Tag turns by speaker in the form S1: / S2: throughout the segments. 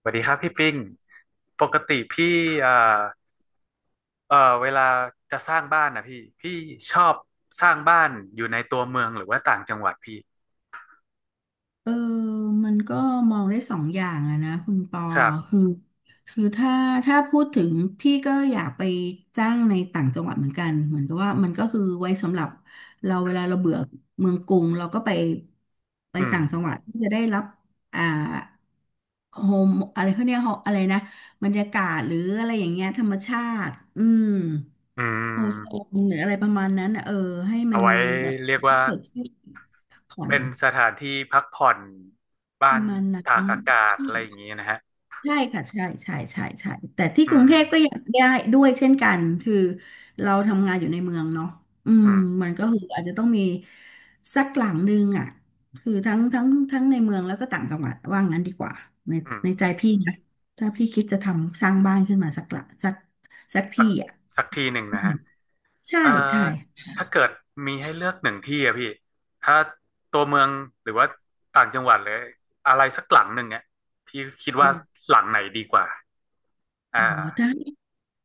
S1: สวัสดีครับพี่ปิ้งปกติพี่เอ่อเอ่อเวลาจะสร้างบ้านนะพี่ชอบสร้างบ้านอยู่ในตัวเมืองหรือว่าต่างจังหวัดพี่
S2: เออมันก็มองได้สองอย่างอะนะคุณปอ
S1: ครับ
S2: คือคือถ้าพูดถึงพี่ก็อยากไปจ้างในต่างจังหวัดเหมือนกันเหมือนกับว่ามันก็คือไว้สำหรับเราเวลาเราเบื่อเมืองกรุงเราก็ไป
S1: อืม
S2: ต่างจังหวัดที่จะได้รับอ่าโฮมอะไรเขาเนี่ยก home อะไรนะบรรยากาศหรืออะไรอย่างเงี้ยธรรมชาติอืม
S1: อื
S2: โฮโซ
S1: ม
S2: นหรืออะไรประมาณนั้นอะให้มั
S1: เอา
S2: น
S1: ไว้
S2: แบบ
S1: เรียกว่า
S2: สดชื่นพักผ่อน
S1: เป็นสถานที่พักผ่อน
S2: ป
S1: บ้าน
S2: ระมาณนั้
S1: ตาก
S2: น
S1: อากาศอะไรอย่างนี้นะฮะ
S2: ใช่ค่ะใช่ใช่ใช่ใช่แต่ที่
S1: อื
S2: กรุง
S1: ม
S2: เทพก็อยากได้ด้วยเช่นกันคือเราทำงานอยู่ในเมืองเนาะอืม
S1: อืม
S2: มันก็คืออาจจะต้องมีสักหลังนึงอ่ะคือทั้งในเมืองแล้วก็ต่างจังหวัดว่างั้นดีกว่าใน
S1: อืม
S2: ในใจพี่นะถ้าพี่คิดจะทำสร้างบ้านขึ้นมาสักหลังสัก
S1: สั
S2: ที่
S1: ก
S2: อ่ะ
S1: สักทีหนึ่ง
S2: อื
S1: นะ
S2: ม
S1: ฮะ
S2: ใช่
S1: อ่
S2: ใช่
S1: าถ้าเกิดมีให้เลือกหนึ่งที่อะพี่ถ้าตัวเมืองหรือว่าต่างจังหวัดเลยอะไรสักหลังหนึ่งเนี่ยพี่คิดว่า
S2: อ
S1: หลังไหนดีกว่า
S2: ๋อ
S1: อ่า
S2: ถ้า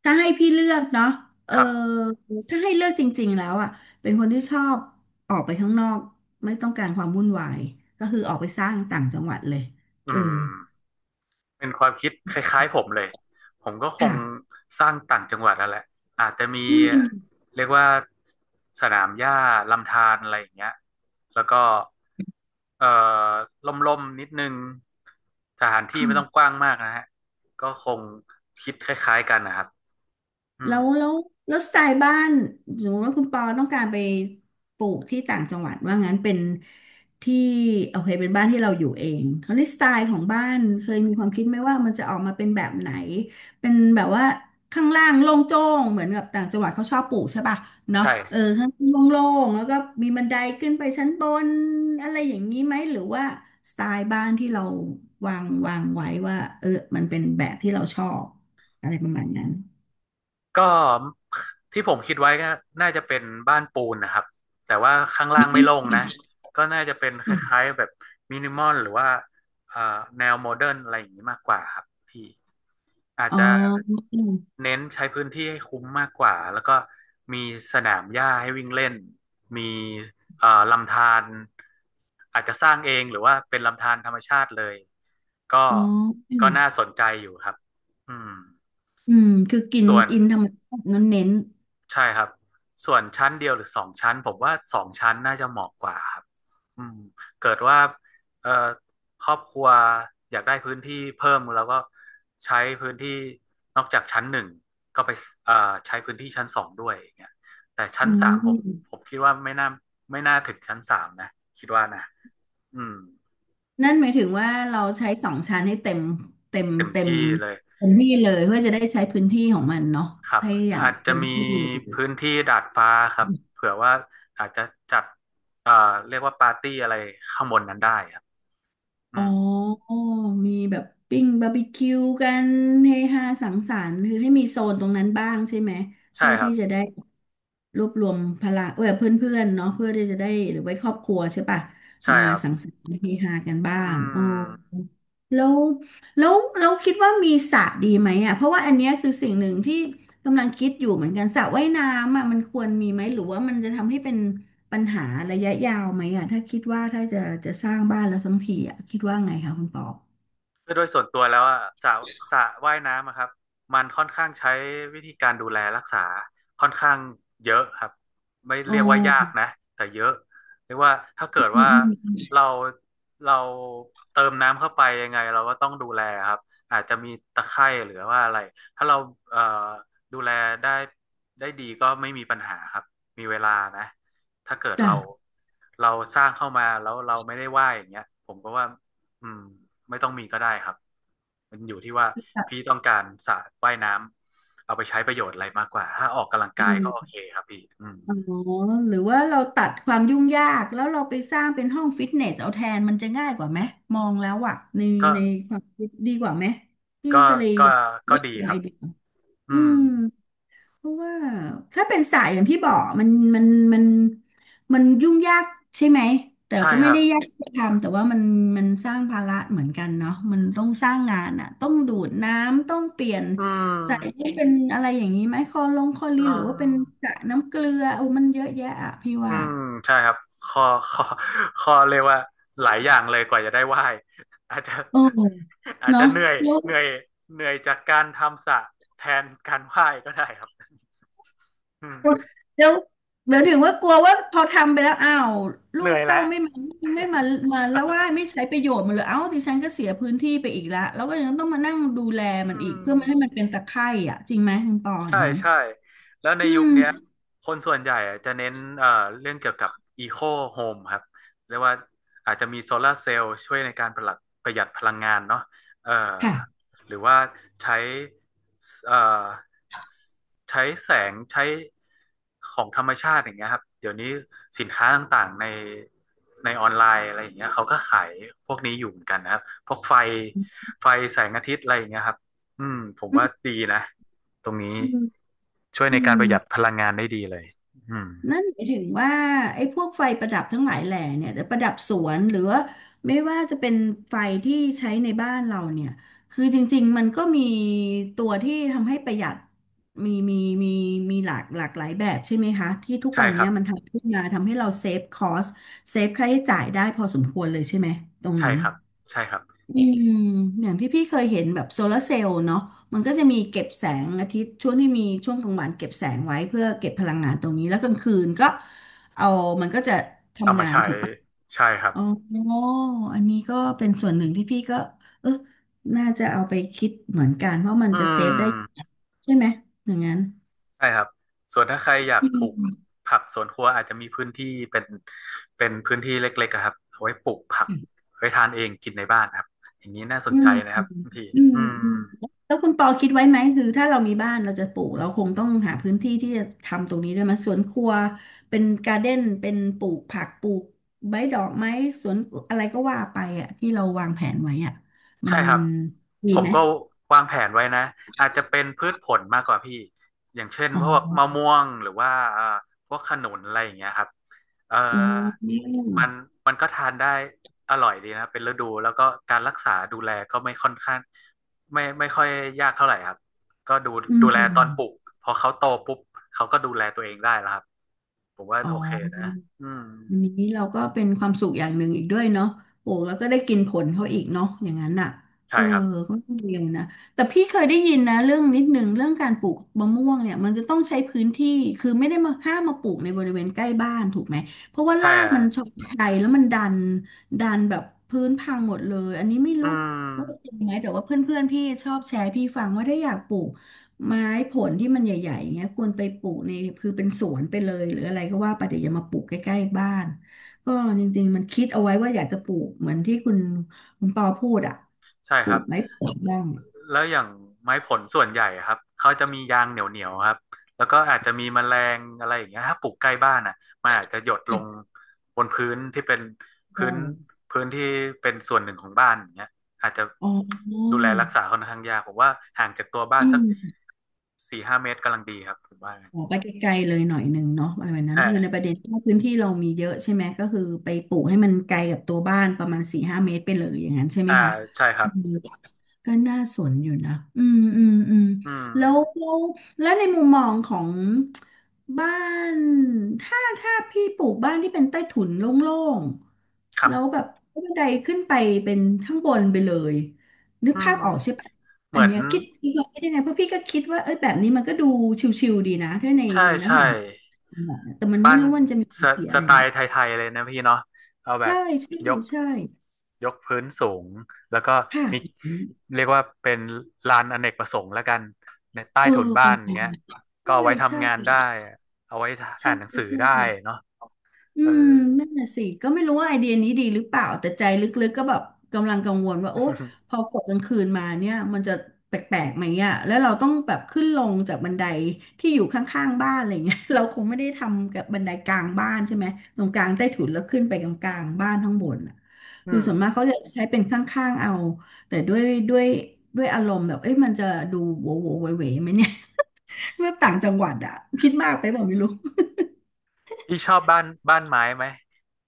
S2: ถ้าให้พี่เลือกเนาะเออ
S1: ครับ
S2: ถ้าให้เลือกจริงๆแล้วอ่ะ เป็นคนที่ชอบออกไปข้างนอกไม่ต้องการความวุ่นวายก็คือออกไปสร้างต่างจังหวัดเลย
S1: อื
S2: เออ
S1: ม เป็นความคิดคล้ายๆผมเลย ผมก็คง
S2: ค่ะ
S1: สร้างต่างจังหวัดนั่นแหละอาจจะมี
S2: อืมอ
S1: เรียกว่าสนามหญ้าลำธารอะไรอย่างเงี้ยแล้วก็เอ่อล่มๆนิดนึงสถานที่
S2: ื
S1: ไม่ต้องก
S2: ม
S1: ว้างมากนะฮะก็คงคิดคล้ายๆกันนะครับอื
S2: แล้
S1: ม
S2: วแล้วแล้วสไตล์บ้านสมมติว่าคุณปอต้องการไปปลูกที่ต่างจังหวัดว่างั้นเป็นที่โอเคเป็นบ้านที่เราอยู่เองคราวนี้สไตล์ของบ้านเคยมีความคิดไหมว่ามันจะออกมาเป็นแบบไหนเป็นแบบว่าข้างล่างโล่งโจ้งเหมือนกับต่างจังหวัดเขาชอบปลูกใช่ป่ะเนาะเออ
S1: ใช่
S2: ข้างล่างโล่งๆแล้วก็มีบันไดขึ้นไปชั้นบนอะไรอย่างนี้ไหมหรือว่าสไตล์บ้านที่เราวางไว้ว่าเออมันเป็นแบบที่เราชอบอะไรประมาณนั้น
S1: ก็ที่ผมคิดไว้ก็น่าจะเป็นบ้านปูนนะครับแต่ว่าข้างล่างไม่โล่งนะก็น่าจะเป็นคล้ายๆแบบมินิมอลหรือว่าเอ่อแนวโมเดิร์นอะไรอย่างนี้มากกว่าครับพี่อาจ
S2: อ๋
S1: จะ
S2: อ
S1: เน้นใช้พื้นที่ให้คุ้มมากกว่าแล้วก็มีสนามหญ้าให้วิ่งเล่นมีลำธารอาจจะสร้างเองหรือว่าเป็นลำธารธรรมชาติเลยก็
S2: อ๋ออื
S1: ก็
S2: ม
S1: น่าสนใจอยู่ครับอืม
S2: อืมคือกิน
S1: ส่วน
S2: อินธรรมชาตินั้นเน้น
S1: ใช่ครับส่วนชั้นเดียวหรือสองชั้นผมว่าสองชั้นน่าจะเหมาะกว่าครับอืมเกิดว่าเอ่อครอบครัวอยากได้พื้นที่เพิ่มแล้วก็ใช้พื้นที่นอกจากชั้นหนึ่งก็ไปเอ่อใช้พื้นที่ชั้นสองด้วยอย่างเงี้ยแต่
S2: ๆ
S1: ชั้
S2: อื
S1: นสามผม
S2: ม
S1: ผมคิดว่าไม่น่าถึงชั้นสามนะคิดว่านะอืม
S2: นั่นหมายถึงว่าเราใช้สองชั้นให้เต็มเต็ม
S1: เต็ม
S2: เต็ม
S1: ที่เลย
S2: เต็มที่เลยเพื่อจะได้ใช้พื้นที่ของมันเนาะ
S1: ครับ
S2: ให้อย่าง
S1: อาจจะ
S2: เต็ม
S1: มี
S2: ที่
S1: พื้นที่ดาดฟ้าครับเผื่อว่าอาจจะจัดเอ่อเรียกว่าปาร์ตี้อะไรข้างบนนั้นได้ครับอื
S2: อ๋อ
S1: ม
S2: มีแบบปิ้งบาร์บีคิวกันเฮฮาสังสรรค์คือให้มีโซนตรงนั้นบ้างใช่ไหม
S1: ใช่
S2: เพื่อ
S1: ครั
S2: ที่
S1: บ
S2: จะได้รวบรวมพลังเออเพื่อนๆเนาะเพื่อที่จะได้หรือไว้ครอบครัวใช่ปะ
S1: ใช่
S2: มา
S1: ครับ
S2: สังสรรค์เฮฮากันบ้า
S1: อื
S2: งโอ้
S1: ม
S2: แล้วแล้วคิดว่ามีสระดีไหมอ่ะเพราะว่าอันเนี้ยคือสิ่งหนึ่งที่กำลังคิดอยู่เหมือนกันสระว่ายน้ำอ่ะมันควรมีไหมหรือว่ามันจะทำให้เป็น ปัญหาระยะยาวไหมอ่ะถ้าคิดว่าถ้าจะสร้างบ้านแล้วทั้งทีอ่ะคิดว่าไงคะคุณปอ
S1: คือโดยส่วนตัวแล้วอะสระว่ายน้ำอะครับมันค่อนข้างใช้วิธีการดูแลรักษาค่อนข้างเยอะครับไม่
S2: โอ๋อ
S1: เรียกว่ายากนะแต่เยอะเรียกว่าถ้าเกิด
S2: ืม
S1: ว่า
S2: อืม
S1: เราเราเติมน้ำเข้าไปยังไงเราก็ต้องดูแลครับอาจจะมีตะไคร่หรือว่าอะไรถ้าเราเอ่อดูแลได้ได้ดีก็ไม่มีปัญหาครับมีเวลานะถ้าเกิด
S2: จ้ะ
S1: เราสร้างเข้ามาแล้วเราไม่ได้ว่ายอย่างเงี้ยผมก็ว่า อืมไม่ต้องมีก็ได้ครับมันอยู่ที่ว่าพี่
S2: จ้ะ
S1: ต้องการสระว่ายน้ำเอาไปใช้ประโยชน์อะไรมากกว่า ถ้าออกกำลัง
S2: อื
S1: กายก็โอ
S2: ม
S1: เคครับพี่อืม
S2: อ๋อหรือว่าเราตัดความยุ่งยากแล้วเราไปสร้างเป็นห้องฟิตเนสเอาแทนมันจะง่ายกว่าไหมมองแล้วอ่ะใน
S1: ก็
S2: ในความคิดดีกว่าไหมพี่
S1: ก็
S2: ก็เลย
S1: ก็
S2: อยาก
S1: ก็
S2: ได้
S1: ดีค
S2: ไอ
S1: รับ
S2: เดียอื
S1: อืม
S2: ม เพราะว่าถ้าเป็นสายอย่างที่บอกมันมันมันยุ่งยากใช่ไหมแต่
S1: ใช่
S2: ก็
S1: ค
S2: ไม่
S1: รับ
S2: ได้ยากที่จะทำแต่ว่ามันสร้างภาระเหมือนกันเนาะมันต้องสร้างงานอ่ะต้องดูดน้ำต้องเปลี่ยน
S1: อื
S2: ใส่ให้
S1: ม
S2: เป็นอะไรอย่างนี้ไหมคอลงคอลิ
S1: อื
S2: นหรือว่าเป็นส
S1: ม
S2: ระน้ำเกลือโอ้มันเยอะแยะอ่ะพี่
S1: อื
S2: ว่า
S1: มใช่ครับข้อข้อข้อเรียกว่าหลายอย่างเลยกว่าจะได้ไหว่ายอาจจะ
S2: เออ
S1: อาจ
S2: เนาะ
S1: จะเหนื่อย
S2: แล้ว
S1: เหนื่อยเหนื่อยจากการทำสระแทนการไหว่ายก็ได้ครับอืม
S2: แล้วเดี๋ยวถึงว่ากลัวว่าพอทำไปแล้วอ้าวลู
S1: เหนื่
S2: ก
S1: อย
S2: เต้า
S1: แล้ว
S2: ไม่มาไม่มามาแล้วว่าไม่ใช้ประโยชน์มันเลยเอ้าดิฉันก็เสียพื้นที่ไปอีกละแล้วก็ยังต้องมานั่งดูแล
S1: อื
S2: มันอีกเพื่อ
S1: ม
S2: ไม่ให้มันเป็นตะไคร่อ่ะจริงไหมคุณปออ
S1: ใช่
S2: ย่างนั้น
S1: ใช่แล้วใน
S2: อื
S1: ยุค
S2: ม
S1: เนี้ยคนส่วนใหญ่อะจะเน้นเรื่องเกี่ยวกับอีโคโฮมครับเรียกว่าอาจจะมีโซลาร์เซลล์ช่วยในการประหยัดพลังงานเนาะเอ่อ
S2: ค่ะ
S1: หรือว่าใช้เอ่อใช้แสงใช้ของธรรมชาติอย่างเงี้ยครับเดี๋ยวนี้สินค้าต่างๆในออนไลน์อะไรอย่างเงี้ยเขาก็ขายพวกนี้อยู่เหมือนกันนะครับพวกไฟแสงอาทิตย์อะไรอย่างเงี้ยครับอืมผม
S2: อื
S1: ว่า
S2: ม
S1: ดีนะ ตรงนี้ช่วย
S2: อื
S1: ในการประหยัด
S2: ม
S1: พลังงานได้ดีเลยอืม
S2: นั่นหมายถึงว่าไอ้พวกไฟประดับทั้งหลายแหล่เนี่ยแต่ประดับสวนหรือว่าไม่ว่าจะเป็นไฟที่ใช้ในบ้านเราเนี่ยคือจริงๆมันก็มีตัวที่ทำให้ประหยัดมีมีมีมีหลากหลากหลายแบบใช่ไหมคะที่ทุก
S1: ใช่
S2: วัน
S1: ค
S2: เนี้
S1: รั
S2: ย
S1: บ
S2: มันทำขึ้นมาทำให้เราเซฟคอสเซฟค่าใช้จ่ายได้พอสมควรเลยใช่ไหมตรง
S1: ใช่
S2: นั้น
S1: ครับ ใช่ครับ
S2: อืมอย่างที่พี่เคยเห็นแบบโซลาร์เซลล์เนาะมันก็จะมีเก็บแสงอาทิตย์ช่วงที่มีช่วงกลางวันเก็บแสงไว้เพื่อเก็บพลังงานตรงนี้แล้วกลางคืนก็เอามันก็จะ
S1: เอา
S2: ทำ
S1: มา
S2: งาน
S1: ใช้
S2: ถูก
S1: ใช่ครับ
S2: อ๋ออันนี้ก็เป็นส่วนหนึ่งที่พี่ก็เออน่าจะเอาไปคิดเหมือนกันเพราะมัน
S1: อื
S2: จะเซฟได้
S1: ม
S2: ใช่ไหมอย่างนั้น
S1: ใช่ครับ ส่วนถ้าใครอยากปลูกผักสวนครัวอาจจะมีพื้นที่เป็นเป็นพื้นที่เล็กๆอะครับเอาไว้ปลูกผักไว้ทานเองกินในบ้านครับอย่างนี้น่าสน
S2: อื
S1: ใจ
S2: ม
S1: นะค
S2: อื
S1: รับคุณพี่
S2: ม
S1: อื
S2: อืม
S1: ม
S2: แล้วคุณปอคิดไว้ไหมคือถ้าเรามีบ้านเราจะปลูกเราคงต้องหาพื้นที่ที่จะทำตรงนี้ด้วยไหมสวนครัวเป็นการ์เด้นเป็นปลูกผักปลูกใบดอกไม้สวนอะไรก็ว่าไปอ่ะที่เราวางแผนไว้อ่ะมั
S1: ใช่
S2: น
S1: ค
S2: มั
S1: รับ
S2: น
S1: ผ
S2: มี
S1: ม
S2: ไหม
S1: ก็วางแผนไว้นะอาจจะเป็นพืชผลมากกว่าพี่อย่างเช่น
S2: อ๋อ
S1: พวกมะม่วงหรือว่าพวกขนุนอะไรอย่างเงี้ยครับเอ่อ
S2: อ๋อ
S1: มันมันก็ทานได้อร่อยดีนะเป็นฤดูแล้วก็การรักษาดูแลก็ไม่ค่อนข้างไม่ค่อยยากเท่าไหร่ครับก็ดู
S2: อื
S1: ดูแลตอนปลูก
S2: ม
S1: พอเขาโตปุ๊บเขาก็ดูแลตัวเองได้แล้วครับผมว่า
S2: อ๋
S1: โอเคนะ
S2: อ
S1: อืม
S2: อันนี้เราก็เป็นความสุขอย่างหนึ่งอีกด้วยเนาะโอ้แล้วก็ได้กินผลเขาอีกเนาะอย่างนั้นอ่ะ
S1: ใช่
S2: เออ
S1: ครับ
S2: ก็ต้องเรยวนะแต่พี่เคยได้ยินนะเรื่องนิดหนึ่งเรื่องการปลูกมะม่วงเนี่ยมันจะต้องใช้พื้นที่คือไม่ได้มาห้ามมาปลูกในบริเวณใกล้บ้านถูกไหมเพราะว่า
S1: ใช่
S2: ราก
S1: ฮะ
S2: มันชอบชัยแล้วมันดันดันแบบพื้นพังหมดเลยอันนี้ไม่
S1: อื
S2: รู้ว่าจ
S1: ม
S2: ริงไหมแต่ว่าเพื่อนๆพี่ชอบแชร์ให้พี่ฟังว่าถ้าอยากปลูก ไม้ผลที่มันใหญ่ๆอย่างเงี้ยควรไปปลูกในคือเป็นสวนไปเลยหรืออะไรก็ว่าไปแต่อย่ามาปลูกใกล้ๆบ้านก็จริงๆมันคิดเอาไว้ว่าอยากจะปลูกเหมือนที่คุณปอพูดอ่ะ
S1: ใช่
S2: ป
S1: ค
S2: ลู
S1: รับ
S2: กไม้ผลบ้าง
S1: แล้วอย่างไม้ผลส่วนใหญ่อะครับเขาจะมียางเหนียวๆครับแล้วก็อาจจะมีแมลงอะไรอย่างเงี้ยถ้าปลูกใกล้บ้านอ่ะมันอาจจะหยดลงบนพื้นที่เป็นพื้
S2: โ
S1: นพื้นที่เป็นส่วนหนึ่งของบ้านอย่างเงี้ยอาจจะ
S2: ออ๋
S1: ดู
S2: อ
S1: แลรักษาค่อนข้างยากผมว่าห่างจากตัวบ้า
S2: อื
S1: นสัก
S2: ม
S1: สี่ห้าเมตรกำลังดีครับผมว่า
S2: ขอไปไกลๆเลยหน่อยหนึ่งเนาะอะไรแบบนั้นคือในป
S1: อ่า
S2: ระเด็นที่ว่าพื้นที่เรามีเยอะใช่ไหมก็คือไปปลูกให้มันไกลกับตัวบ้านประมาณสี่ห้าเมตรไปเลยอย่างนั้นใช่ไหม
S1: อ่า
S2: คะ
S1: ใช่ครั
S2: อื
S1: บ
S2: ม ก็น่าสนอยู่นะอืมอืมอืม
S1: อืม
S2: แล้วแล้วในมุมมองของบ้าน ถ้าพี่ปลูกบ้านที่เป็นใต้ถุนโล่ง
S1: ค
S2: ๆ
S1: รับ
S2: แล้วแบบบันไดขึ้นไปเป็นข้างบนไปเลยนึก
S1: อื
S2: ภา
S1: ม
S2: พออกใช่ปะ
S1: เห
S2: อั
S1: มื
S2: น
S1: อน
S2: เนี้ยคิดพี่ก็คิดยังไงเพราะพี่ก็คิดว่าเอ้ยแบบนี้มันก็ดูชิวๆดีนะถ้าใน
S1: ใช่
S2: ในลักษ
S1: ใช่
S2: ณะของหมอนะแต่มัน
S1: บ้า
S2: ไม่
S1: น
S2: รู้ว่ามันจะมีผ
S1: ส
S2: ลเสีย
S1: ส
S2: อะไร
S1: ไต
S2: ไหม
S1: ล์ไทยๆเลยนะพี่เนาะเอาแบ
S2: ใช่
S1: บ
S2: ใช่
S1: ยก
S2: ใช่
S1: ยกพื้นสูงแล้วก็มี
S2: ค่ะ
S1: เรียกว่าเป็นลานอเนกประสงค์แล้วกันในใต้
S2: เออ
S1: ถุน
S2: ป
S1: บ้าน
S2: ระ
S1: อย่า
S2: มา
S1: ง
S2: ณ
S1: เงี้ย
S2: นั้น
S1: ก็เอา
S2: ใช่
S1: ไว้
S2: ใช
S1: ทำงานได้
S2: ่
S1: เอาไว้
S2: ใช่
S1: อ่านหนังสือ
S2: ใช่
S1: ได้เนาะ
S2: อื
S1: เออ
S2: มนั่นแหละสิก็ไม่รู้ว่าไอเดียนี้ดีหรือเปล่า แต่ใจลึกๆก็แบบกำลังกังวลว่าโอ๊ยพอ กดกลางคืนมาเนี่ยมันจะแปลกๆไหมอ่ะแล้วเราต้องแบบขึ้นลงจากบันไดที่อยู่ข้างๆบ้านอะไรเงี้ย เราคงไม่ได้ทำกับบันไดกลางบ้านใช่ไหมตรงกลางใต้ถุนแล้วขึ้นไปกลางๆบ้านข้างบนอ่ะ
S1: อื
S2: คือ
S1: ม
S2: ส่วนมากเขาจะใช้เป็นข้างๆเอาแต่ด้วยด้วยอารมณ์แบบเอ้ยมันจะดูโวโวเวเวไหมเนี่ย เมื่อต่างจังหวัดอ่ะคิดมากไปบอกไม่รู้
S1: พี่ชอบบ้านไม้ไหม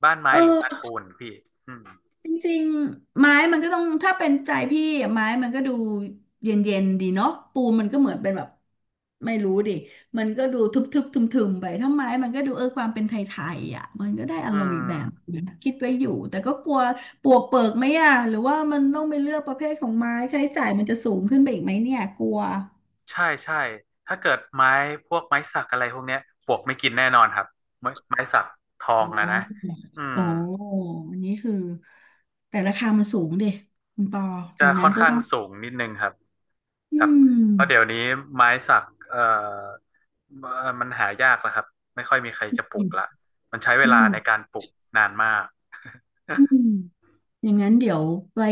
S1: บ้านไม้หรือบ้าน
S2: เออ
S1: ปูนพี่อืม
S2: จริงๆไม้มันก็ต้องถ้าเป็นใจพี่อะไม้มันก็ดูเย็นๆดีเนาะปูนมันก็เหมือนเป็นแบบไม่รู้ดิมันก็ดูทึบๆทึมๆไปถ้าไม้มันก็ดูเออความเป็นไทยๆอ่ะมันก็ได้อาร
S1: อื
S2: มณ์อีกแบบ
S1: ม
S2: นะคิดไว้อยู่แต่ก็กลัวปวกเปิกไหมอ่ะหรือว่ามันต้องไปเลือกประเภทของไม้ค่าใช้จ่ายมันจะสูงขึ้นไปอีกไหมเนี่ยกลัว
S1: ใช่ใช่ถ้าเกิดไม้พวกไม้สักอะไรพวกเนี้ยปลวกไม่กินแน่นอนครับไม้สักทอง
S2: อ๋อ
S1: อะนะอืม
S2: โอ้อันนี้คือแต่ราคามันสูงดิคุณปอต
S1: จะ
S2: รงนั้
S1: ค่อ
S2: น
S1: น
S2: ก็
S1: ข้าง
S2: ต้อง
S1: สูงนิดนึงครับ
S2: อื
S1: ครับ
S2: ม
S1: เพราะเดี๋ยวนี้ไม้สักมันหายากแล้วครับไม่ค่อยมีใครจะปลูกละมันใช้เวลา
S2: นั่น
S1: ในการปลูกนานมาก
S2: อืม อย่างนั้นเดี๋ยวไว้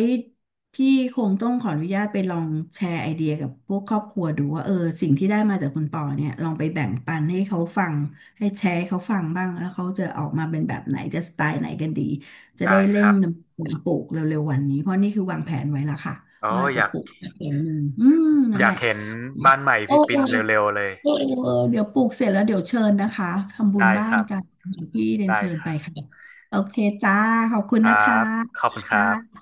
S2: พี่คงต้องขออนุญาตไปลองแชร์ไอเดียกับพวกครอบครัวดูว่าเออสิ่งที่ได้มาจากคุณปอเนี่ยลองไปแบ่งปันให้เขาฟังให้แชร์ให้เขาฟังบ้างแล้วเขาจะออกมาเป็นแบบไหนจะสไตล์ไหนกันดีจะได้
S1: ได้
S2: เร่
S1: ค
S2: ง
S1: รับ
S2: ดำเนินการปลูกเร็วๆวันนี้เพราะนี่คือวางแผนไว้แล้วค่ะ
S1: โอ้
S2: ว่า
S1: อ
S2: จะ
S1: ยาก
S2: ปลูกแบบนี้อืมนั่
S1: อ
S2: น
S1: ยา
S2: แห
S1: ก
S2: ละ
S1: เห็นบ้านใหม่
S2: โอ้
S1: พี่ปินเร็วๆเลย
S2: เออเดี๋ยวปลูกเสร็จแล้วเดี๋ยวเชิญนะคะทำบุ
S1: ได้
S2: ญบ้า
S1: ค
S2: น
S1: รับ
S2: กันอย่างที่เรียน
S1: ได้
S2: เชิญ
S1: ค
S2: ไป
S1: รับ
S2: ค่ะโอเคจ้าขอบคุณ
S1: ครั
S2: นะคะ
S1: บขอบคุณครั
S2: จ้า
S1: บ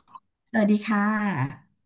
S2: สวัสดีค่ะ